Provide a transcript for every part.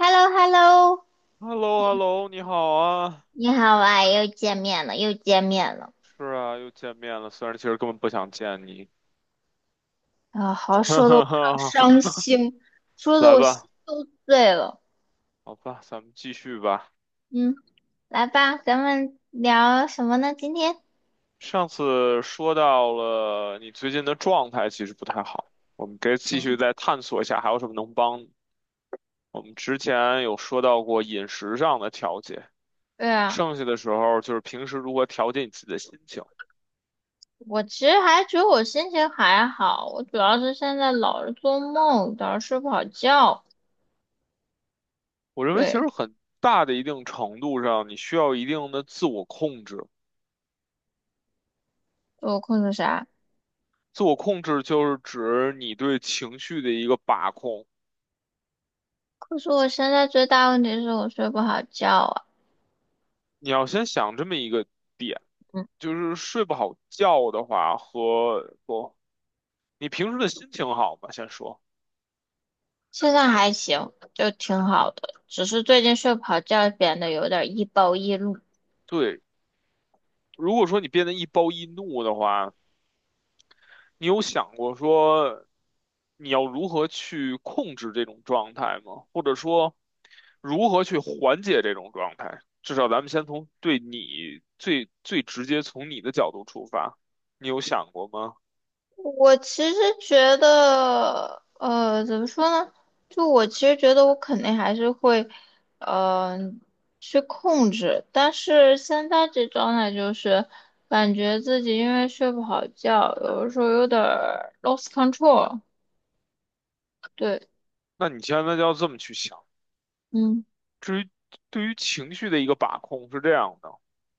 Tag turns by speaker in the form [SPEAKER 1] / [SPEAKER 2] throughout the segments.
[SPEAKER 1] h e l l o h e l l o
[SPEAKER 2] h e l l o hello 你好啊！
[SPEAKER 1] 你好啊，又见面了，又见面了
[SPEAKER 2] 是啊，又见面了，虽然其实根本不想见你。
[SPEAKER 1] 啊！好，
[SPEAKER 2] 哈
[SPEAKER 1] 说的我
[SPEAKER 2] 哈
[SPEAKER 1] 好
[SPEAKER 2] 哈，
[SPEAKER 1] 伤心，说的
[SPEAKER 2] 来
[SPEAKER 1] 我心
[SPEAKER 2] 吧，
[SPEAKER 1] 都碎了。
[SPEAKER 2] 好吧，咱们继续吧。
[SPEAKER 1] 嗯，来吧，咱们聊什么呢？今天？
[SPEAKER 2] 上次说到了你最近的状态其实不太好，我们可以继续再探索一下还有什么能帮你我们之前有说到过饮食上的调节，
[SPEAKER 1] 对啊，
[SPEAKER 2] 剩下的时候就是平时如何调节你自己的心情。
[SPEAKER 1] 我其实还觉得我心情还好，我主要是现在老是做梦，老是睡不好觉。
[SPEAKER 2] 我认为其
[SPEAKER 1] 对，
[SPEAKER 2] 实很大的一定程度上，你需要一定的自我控制。
[SPEAKER 1] 我困个啥？
[SPEAKER 2] 自我控制就是指你对情绪的一个把控。
[SPEAKER 1] 可是我现在最大问题是我睡不好觉啊。
[SPEAKER 2] 你要先想这么一个点，
[SPEAKER 1] 嗯。
[SPEAKER 2] 就是睡不好觉的话和不，你平时的心情好吗？先说，
[SPEAKER 1] 现在还行，就挺好的，只是最近睡不好觉，变得有点易暴易怒。
[SPEAKER 2] 对，如果说你变得易暴易怒的话，你有想过说你要如何去控制这种状态吗？或者说如何去缓解这种状态？至少咱们先从对你最最直接从你的角度出发，你有想过吗？
[SPEAKER 1] 我其实觉得，怎么说呢？就我其实觉得我肯定还是会，嗯、去控制。但是现在这状态就是感觉自己因为睡不好觉，有的时候有点儿 lost control。对，
[SPEAKER 2] 那你千万要这么去想，
[SPEAKER 1] 嗯
[SPEAKER 2] 对于情绪的一个把控是这样的。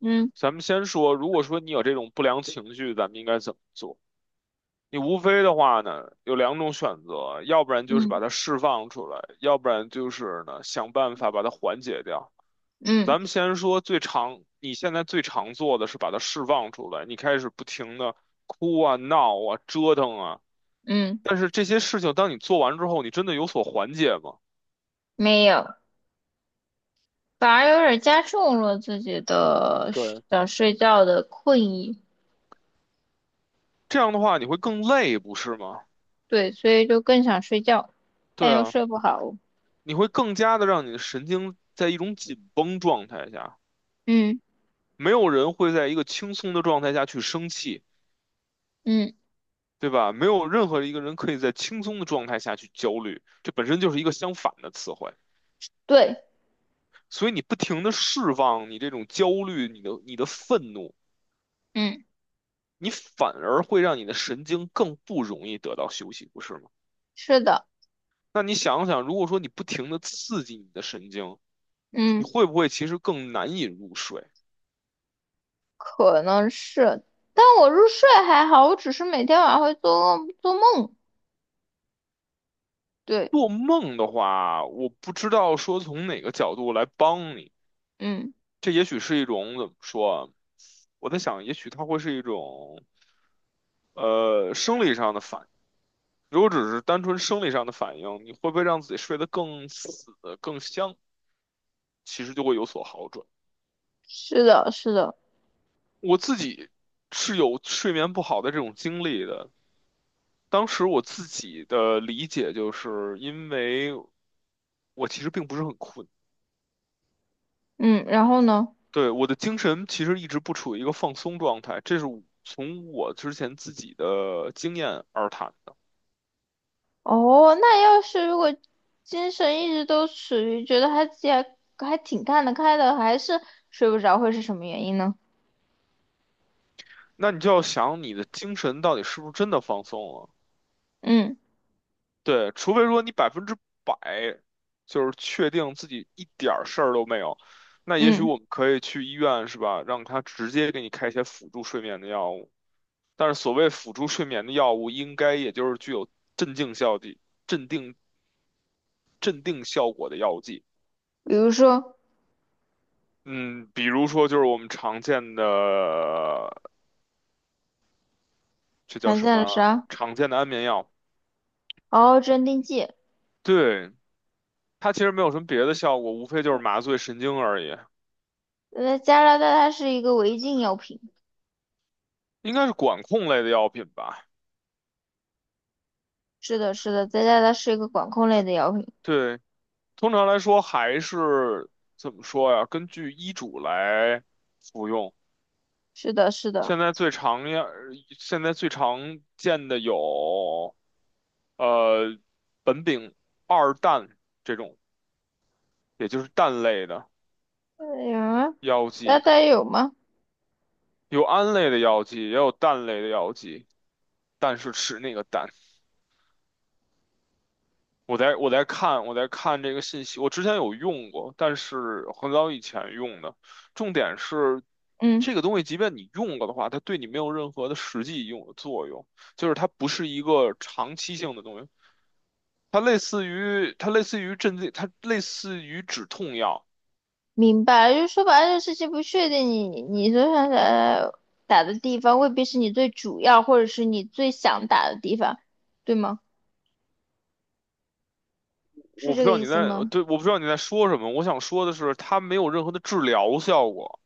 [SPEAKER 1] 嗯
[SPEAKER 2] 咱们先说，如果说你有这种不良情绪，咱们应该怎么做？你无非的话呢，有两种选择，要不然就是把
[SPEAKER 1] 嗯
[SPEAKER 2] 它释放出来，要不然就是呢，想办法把它缓解掉。咱
[SPEAKER 1] 嗯
[SPEAKER 2] 们先说最常，你现在最常做的是把它释放出来，你开始不停的哭啊、闹啊、折腾啊，
[SPEAKER 1] 嗯，
[SPEAKER 2] 但是这些事情当你做完之后，你真的有所缓解吗？
[SPEAKER 1] 没有。反而有点加重了自己的
[SPEAKER 2] 对，
[SPEAKER 1] 想睡觉的困意，
[SPEAKER 2] 这样的话你会更累，不是吗？
[SPEAKER 1] 对，所以就更想睡觉，但
[SPEAKER 2] 对
[SPEAKER 1] 又
[SPEAKER 2] 啊，
[SPEAKER 1] 睡不好。
[SPEAKER 2] 你会更加的让你的神经在一种紧绷状态下，
[SPEAKER 1] 嗯
[SPEAKER 2] 没有人会在一个轻松的状态下去生气，
[SPEAKER 1] 嗯，
[SPEAKER 2] 对吧？没有任何一个人可以在轻松的状态下去焦虑，这本身就是一个相反的词汇。
[SPEAKER 1] 对，
[SPEAKER 2] 所以你不停的释放你这种焦虑，你的愤怒，
[SPEAKER 1] 嗯，
[SPEAKER 2] 你反而会让你的神经更不容易得到休息，不是吗？
[SPEAKER 1] 是的，
[SPEAKER 2] 那你想想，如果说你不停的刺激你的神经，
[SPEAKER 1] 嗯，
[SPEAKER 2] 你会不会其实更难以入睡？
[SPEAKER 1] 可能是，但我入睡还好，我只是每天晚上会做梦。对，
[SPEAKER 2] 做梦的话，我不知道说从哪个角度来帮你。
[SPEAKER 1] 嗯，
[SPEAKER 2] 这也许是一种怎么说啊？我在想，也许它会是一种生理上的反应。如果只是单纯生理上的反应，你会不会让自己睡得更死、更香？其实就会有所好转。
[SPEAKER 1] 是的，是的，
[SPEAKER 2] 我自己是有睡眠不好的这种经历的。当时我自己的理解就是因为我其实并不是很困。
[SPEAKER 1] 嗯，然后呢？
[SPEAKER 2] 对，我的精神其实一直不处于一个放松状态，这是我从我之前自己的经验而谈的。
[SPEAKER 1] 哦，那要是如果精神一直都处于觉得还自己还挺看得开的，还是睡不着，会是什么原因呢？
[SPEAKER 2] 那你就要想你的精神到底是不是真的放松了？
[SPEAKER 1] 嗯。
[SPEAKER 2] 对，除非说你百分之百就是确定自己一点儿事儿都没有，那也许
[SPEAKER 1] 嗯，
[SPEAKER 2] 我们可以去医院，是吧？让他直接给你开一些辅助睡眠的药物。但是所谓辅助睡眠的药物，应该也就是具有镇静效剂、镇定、镇定效果的药剂。
[SPEAKER 1] 比如说
[SPEAKER 2] 嗯，比如说就是我们常见的，这叫
[SPEAKER 1] 常
[SPEAKER 2] 什
[SPEAKER 1] 见的
[SPEAKER 2] 么？
[SPEAKER 1] 啥？
[SPEAKER 2] 常见的安眠药，
[SPEAKER 1] 哦，镇定剂。
[SPEAKER 2] 对，它其实没有什么别的效果，无非就是麻醉神经而已，
[SPEAKER 1] 加拿大它是一个违禁药品。
[SPEAKER 2] 应该是管控类的药品吧？
[SPEAKER 1] 是的，是的，在加拿大是一个管控类的药品。
[SPEAKER 2] 对，通常来说还是怎么说呀？根据医嘱来服用。
[SPEAKER 1] 是的，是的。
[SPEAKER 2] 现在最常见，现在最常见的有，呃，苯丙二氮这种，也就是氮类的
[SPEAKER 1] 哎呀，
[SPEAKER 2] 药
[SPEAKER 1] 那
[SPEAKER 2] 剂。
[SPEAKER 1] 大有吗？
[SPEAKER 2] 有胺类的药剂，也有氮类的药剂，但是吃那个氮。我在看这个信息，我之前有用过，但是很早以前用的。重点是
[SPEAKER 1] 嗯，
[SPEAKER 2] 这个东西，即便你用了的话，它对你没有任何的实际用的作用，就是它不是一个长期性的东西。它类似于镇静，它类似于止痛药。
[SPEAKER 1] 明白了就是说白了，这个事情不确定你，你所想打的地方，未必是你最主要，或者是你最想打的地方，对吗？是
[SPEAKER 2] 我不
[SPEAKER 1] 这
[SPEAKER 2] 知
[SPEAKER 1] 个
[SPEAKER 2] 道
[SPEAKER 1] 意
[SPEAKER 2] 你
[SPEAKER 1] 思
[SPEAKER 2] 在，
[SPEAKER 1] 吗？
[SPEAKER 2] 对，我不知道你在说什么。我想说的是，它没有任何的治疗效果。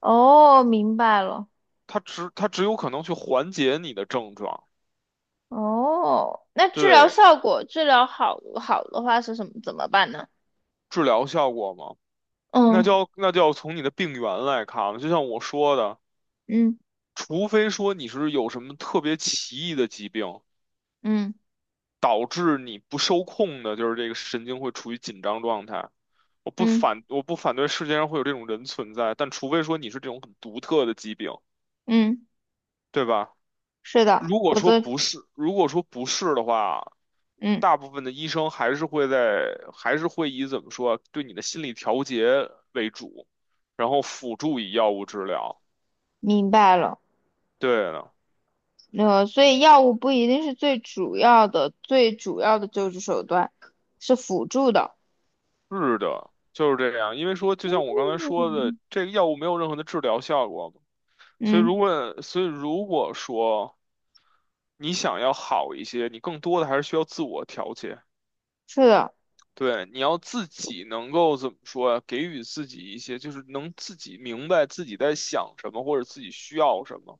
[SPEAKER 1] 哦，明白了。
[SPEAKER 2] 它只有可能去缓解你的症状，
[SPEAKER 1] 哦，那治疗
[SPEAKER 2] 对
[SPEAKER 1] 效果，治疗好的话是什么？怎么办呢？
[SPEAKER 2] 治疗效果嘛，那
[SPEAKER 1] 嗯
[SPEAKER 2] 就要那就要从你的病源来看了。就像我说的，
[SPEAKER 1] 嗯
[SPEAKER 2] 除非说你是有什么特别奇异的疾病，
[SPEAKER 1] 嗯
[SPEAKER 2] 导致你不受控的，就是这个神经会处于紧张状态。我不
[SPEAKER 1] 嗯
[SPEAKER 2] 反我不反对世界上会有这种人存在，但除非说你是这种很独特的疾病，
[SPEAKER 1] 嗯，
[SPEAKER 2] 对吧？
[SPEAKER 1] 是的，否则
[SPEAKER 2] 如果说不是的话，
[SPEAKER 1] 嗯，
[SPEAKER 2] 大部分的医生还是会在，还是会以怎么说，对你的心理调节为主，然后辅助以药物治疗。
[SPEAKER 1] 明白了。
[SPEAKER 2] 对的，
[SPEAKER 1] 所以药物不一定是最主要的，最主要的救治手段是辅助的。
[SPEAKER 2] 是的，就是这样。因为说，就像我刚才说的，
[SPEAKER 1] 嗯
[SPEAKER 2] 这个药物没有任何的治疗效果嘛
[SPEAKER 1] 嗯，
[SPEAKER 2] 所以如果说你想要好一些，你更多的还是需要自我调节。
[SPEAKER 1] 是的，
[SPEAKER 2] 对，你要自己能够怎么说呀？给予自己一些，就是能自己明白自己在想什么，或者自己需要什么。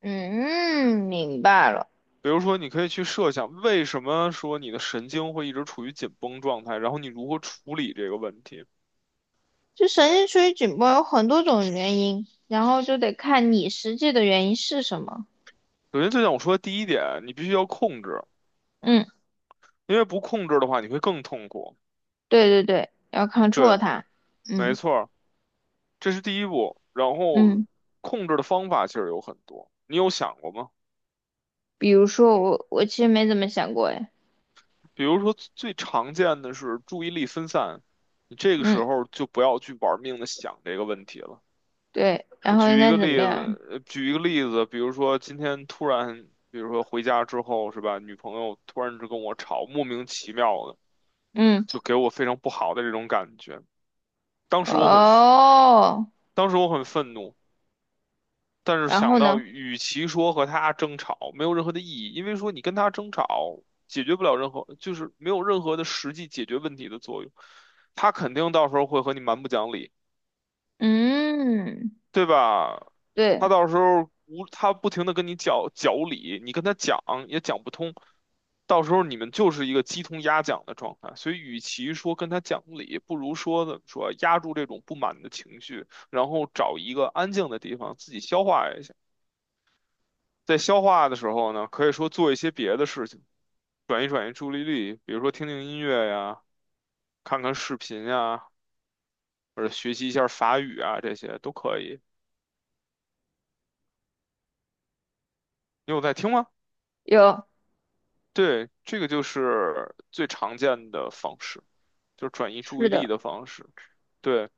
[SPEAKER 1] 嗯，明白了。
[SPEAKER 2] 比如说，你可以去设想，为什么说你的神经会一直处于紧绷状态，然后你如何处理这个问题。
[SPEAKER 1] 就神经处于紧绷有很多种原因，然后就得看你实际的原因是什么。
[SPEAKER 2] 首先，就像我说的第一点，你必须要控制，
[SPEAKER 1] 嗯。
[SPEAKER 2] 因为不控制的话，你会更痛苦。
[SPEAKER 1] 对对对，要 control
[SPEAKER 2] 对，
[SPEAKER 1] 它。
[SPEAKER 2] 没
[SPEAKER 1] 嗯
[SPEAKER 2] 错儿，这是第一步。然后，
[SPEAKER 1] 嗯，
[SPEAKER 2] 控制的方法其实有很多，你有想过吗？
[SPEAKER 1] 比如说我其实没怎么想过哎，
[SPEAKER 2] 比如说最常见的是注意力分散，你这个
[SPEAKER 1] 嗯
[SPEAKER 2] 时候就不要去玩命的想这个问题了。
[SPEAKER 1] 对，然
[SPEAKER 2] 我
[SPEAKER 1] 后应
[SPEAKER 2] 举一
[SPEAKER 1] 该
[SPEAKER 2] 个
[SPEAKER 1] 怎么
[SPEAKER 2] 例
[SPEAKER 1] 样？
[SPEAKER 2] 子，举一个例子，比如说今天突然，比如说回家之后是吧，女朋友突然就跟我吵，莫名其妙的，
[SPEAKER 1] 嗯
[SPEAKER 2] 就给我非常不好的这种感觉。当时我很，
[SPEAKER 1] 哦，
[SPEAKER 2] 当时我很愤怒，但是
[SPEAKER 1] 然
[SPEAKER 2] 想
[SPEAKER 1] 后
[SPEAKER 2] 到
[SPEAKER 1] 呢？
[SPEAKER 2] 与其说和他争吵，没有任何的意义，因为说你跟他争吵解决不了任何，就是没有任何的实际解决问题的作用。他肯定到时候会和你蛮不讲理，
[SPEAKER 1] 嗯，
[SPEAKER 2] 对吧？他
[SPEAKER 1] 对，
[SPEAKER 2] 到时候无他不停的跟你讲讲理，你跟他讲也讲不通，到时候你们就是一个鸡同鸭讲的状态。所以，与其说跟他讲理，不如说怎么说，压住这种不满的情绪，然后找一个安静的地方自己消化一下。在消化的时候呢，可以说做一些别的事情，转移转移注意力，比如说听听音乐呀，看看视频呀，或者学习一下法语啊，这些都可以。你有在听吗？
[SPEAKER 1] 有，
[SPEAKER 2] 对，这个就是最常见的方式，就是转移注
[SPEAKER 1] 是
[SPEAKER 2] 意力
[SPEAKER 1] 的。
[SPEAKER 2] 的方式。对，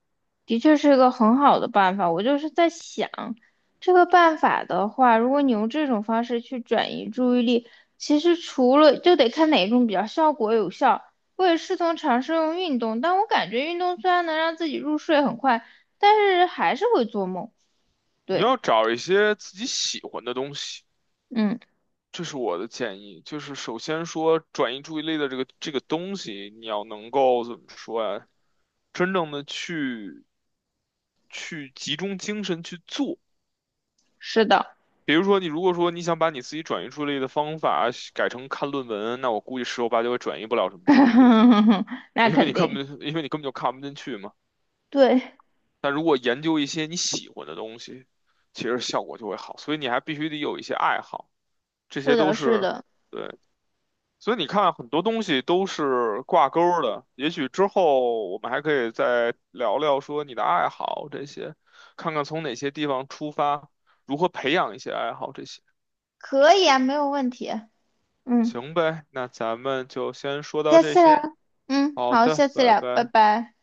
[SPEAKER 1] 的确是个很好的办法。我就是在想，这个办法的话，如果你用这种方式去转移注意力，其实除了就得看哪种比较效果有效。我也试图尝试用运动，但我感觉运动虽然能让自己入睡很快，但是还是会做梦。
[SPEAKER 2] 你
[SPEAKER 1] 对，
[SPEAKER 2] 要找一些自己喜欢的东西。
[SPEAKER 1] 嗯，
[SPEAKER 2] 这是我的建议，就是首先说转移注意力的这个东西，你要能够怎么说呀？真正的去去集中精神去做。
[SPEAKER 1] 是的，
[SPEAKER 2] 比如说，你如果说你想把你自己转移注意力的方法改成看论文，那我估计十有八九也转移不了什么注意力，
[SPEAKER 1] 那肯定，
[SPEAKER 2] 因为你根本就看不进去嘛。
[SPEAKER 1] 对，
[SPEAKER 2] 但如果研究一些你喜欢的东西，其实效果就会好。所以你还必须得有一些爱好，这
[SPEAKER 1] 是
[SPEAKER 2] 些都
[SPEAKER 1] 的，是
[SPEAKER 2] 是
[SPEAKER 1] 的，
[SPEAKER 2] 对。所以你看，很多东西都是挂钩儿的。也许之后我们还可以再聊聊说你的爱好这些，看看从哪些地方出发，如何培养一些爱好这些。
[SPEAKER 1] 可以啊，没有问题。嗯，
[SPEAKER 2] 行呗，那咱们就先说到
[SPEAKER 1] 下
[SPEAKER 2] 这
[SPEAKER 1] 次
[SPEAKER 2] 些。
[SPEAKER 1] 聊。嗯，
[SPEAKER 2] 好
[SPEAKER 1] 好，
[SPEAKER 2] 的，
[SPEAKER 1] 下次
[SPEAKER 2] 拜
[SPEAKER 1] 聊，拜
[SPEAKER 2] 拜。
[SPEAKER 1] 拜。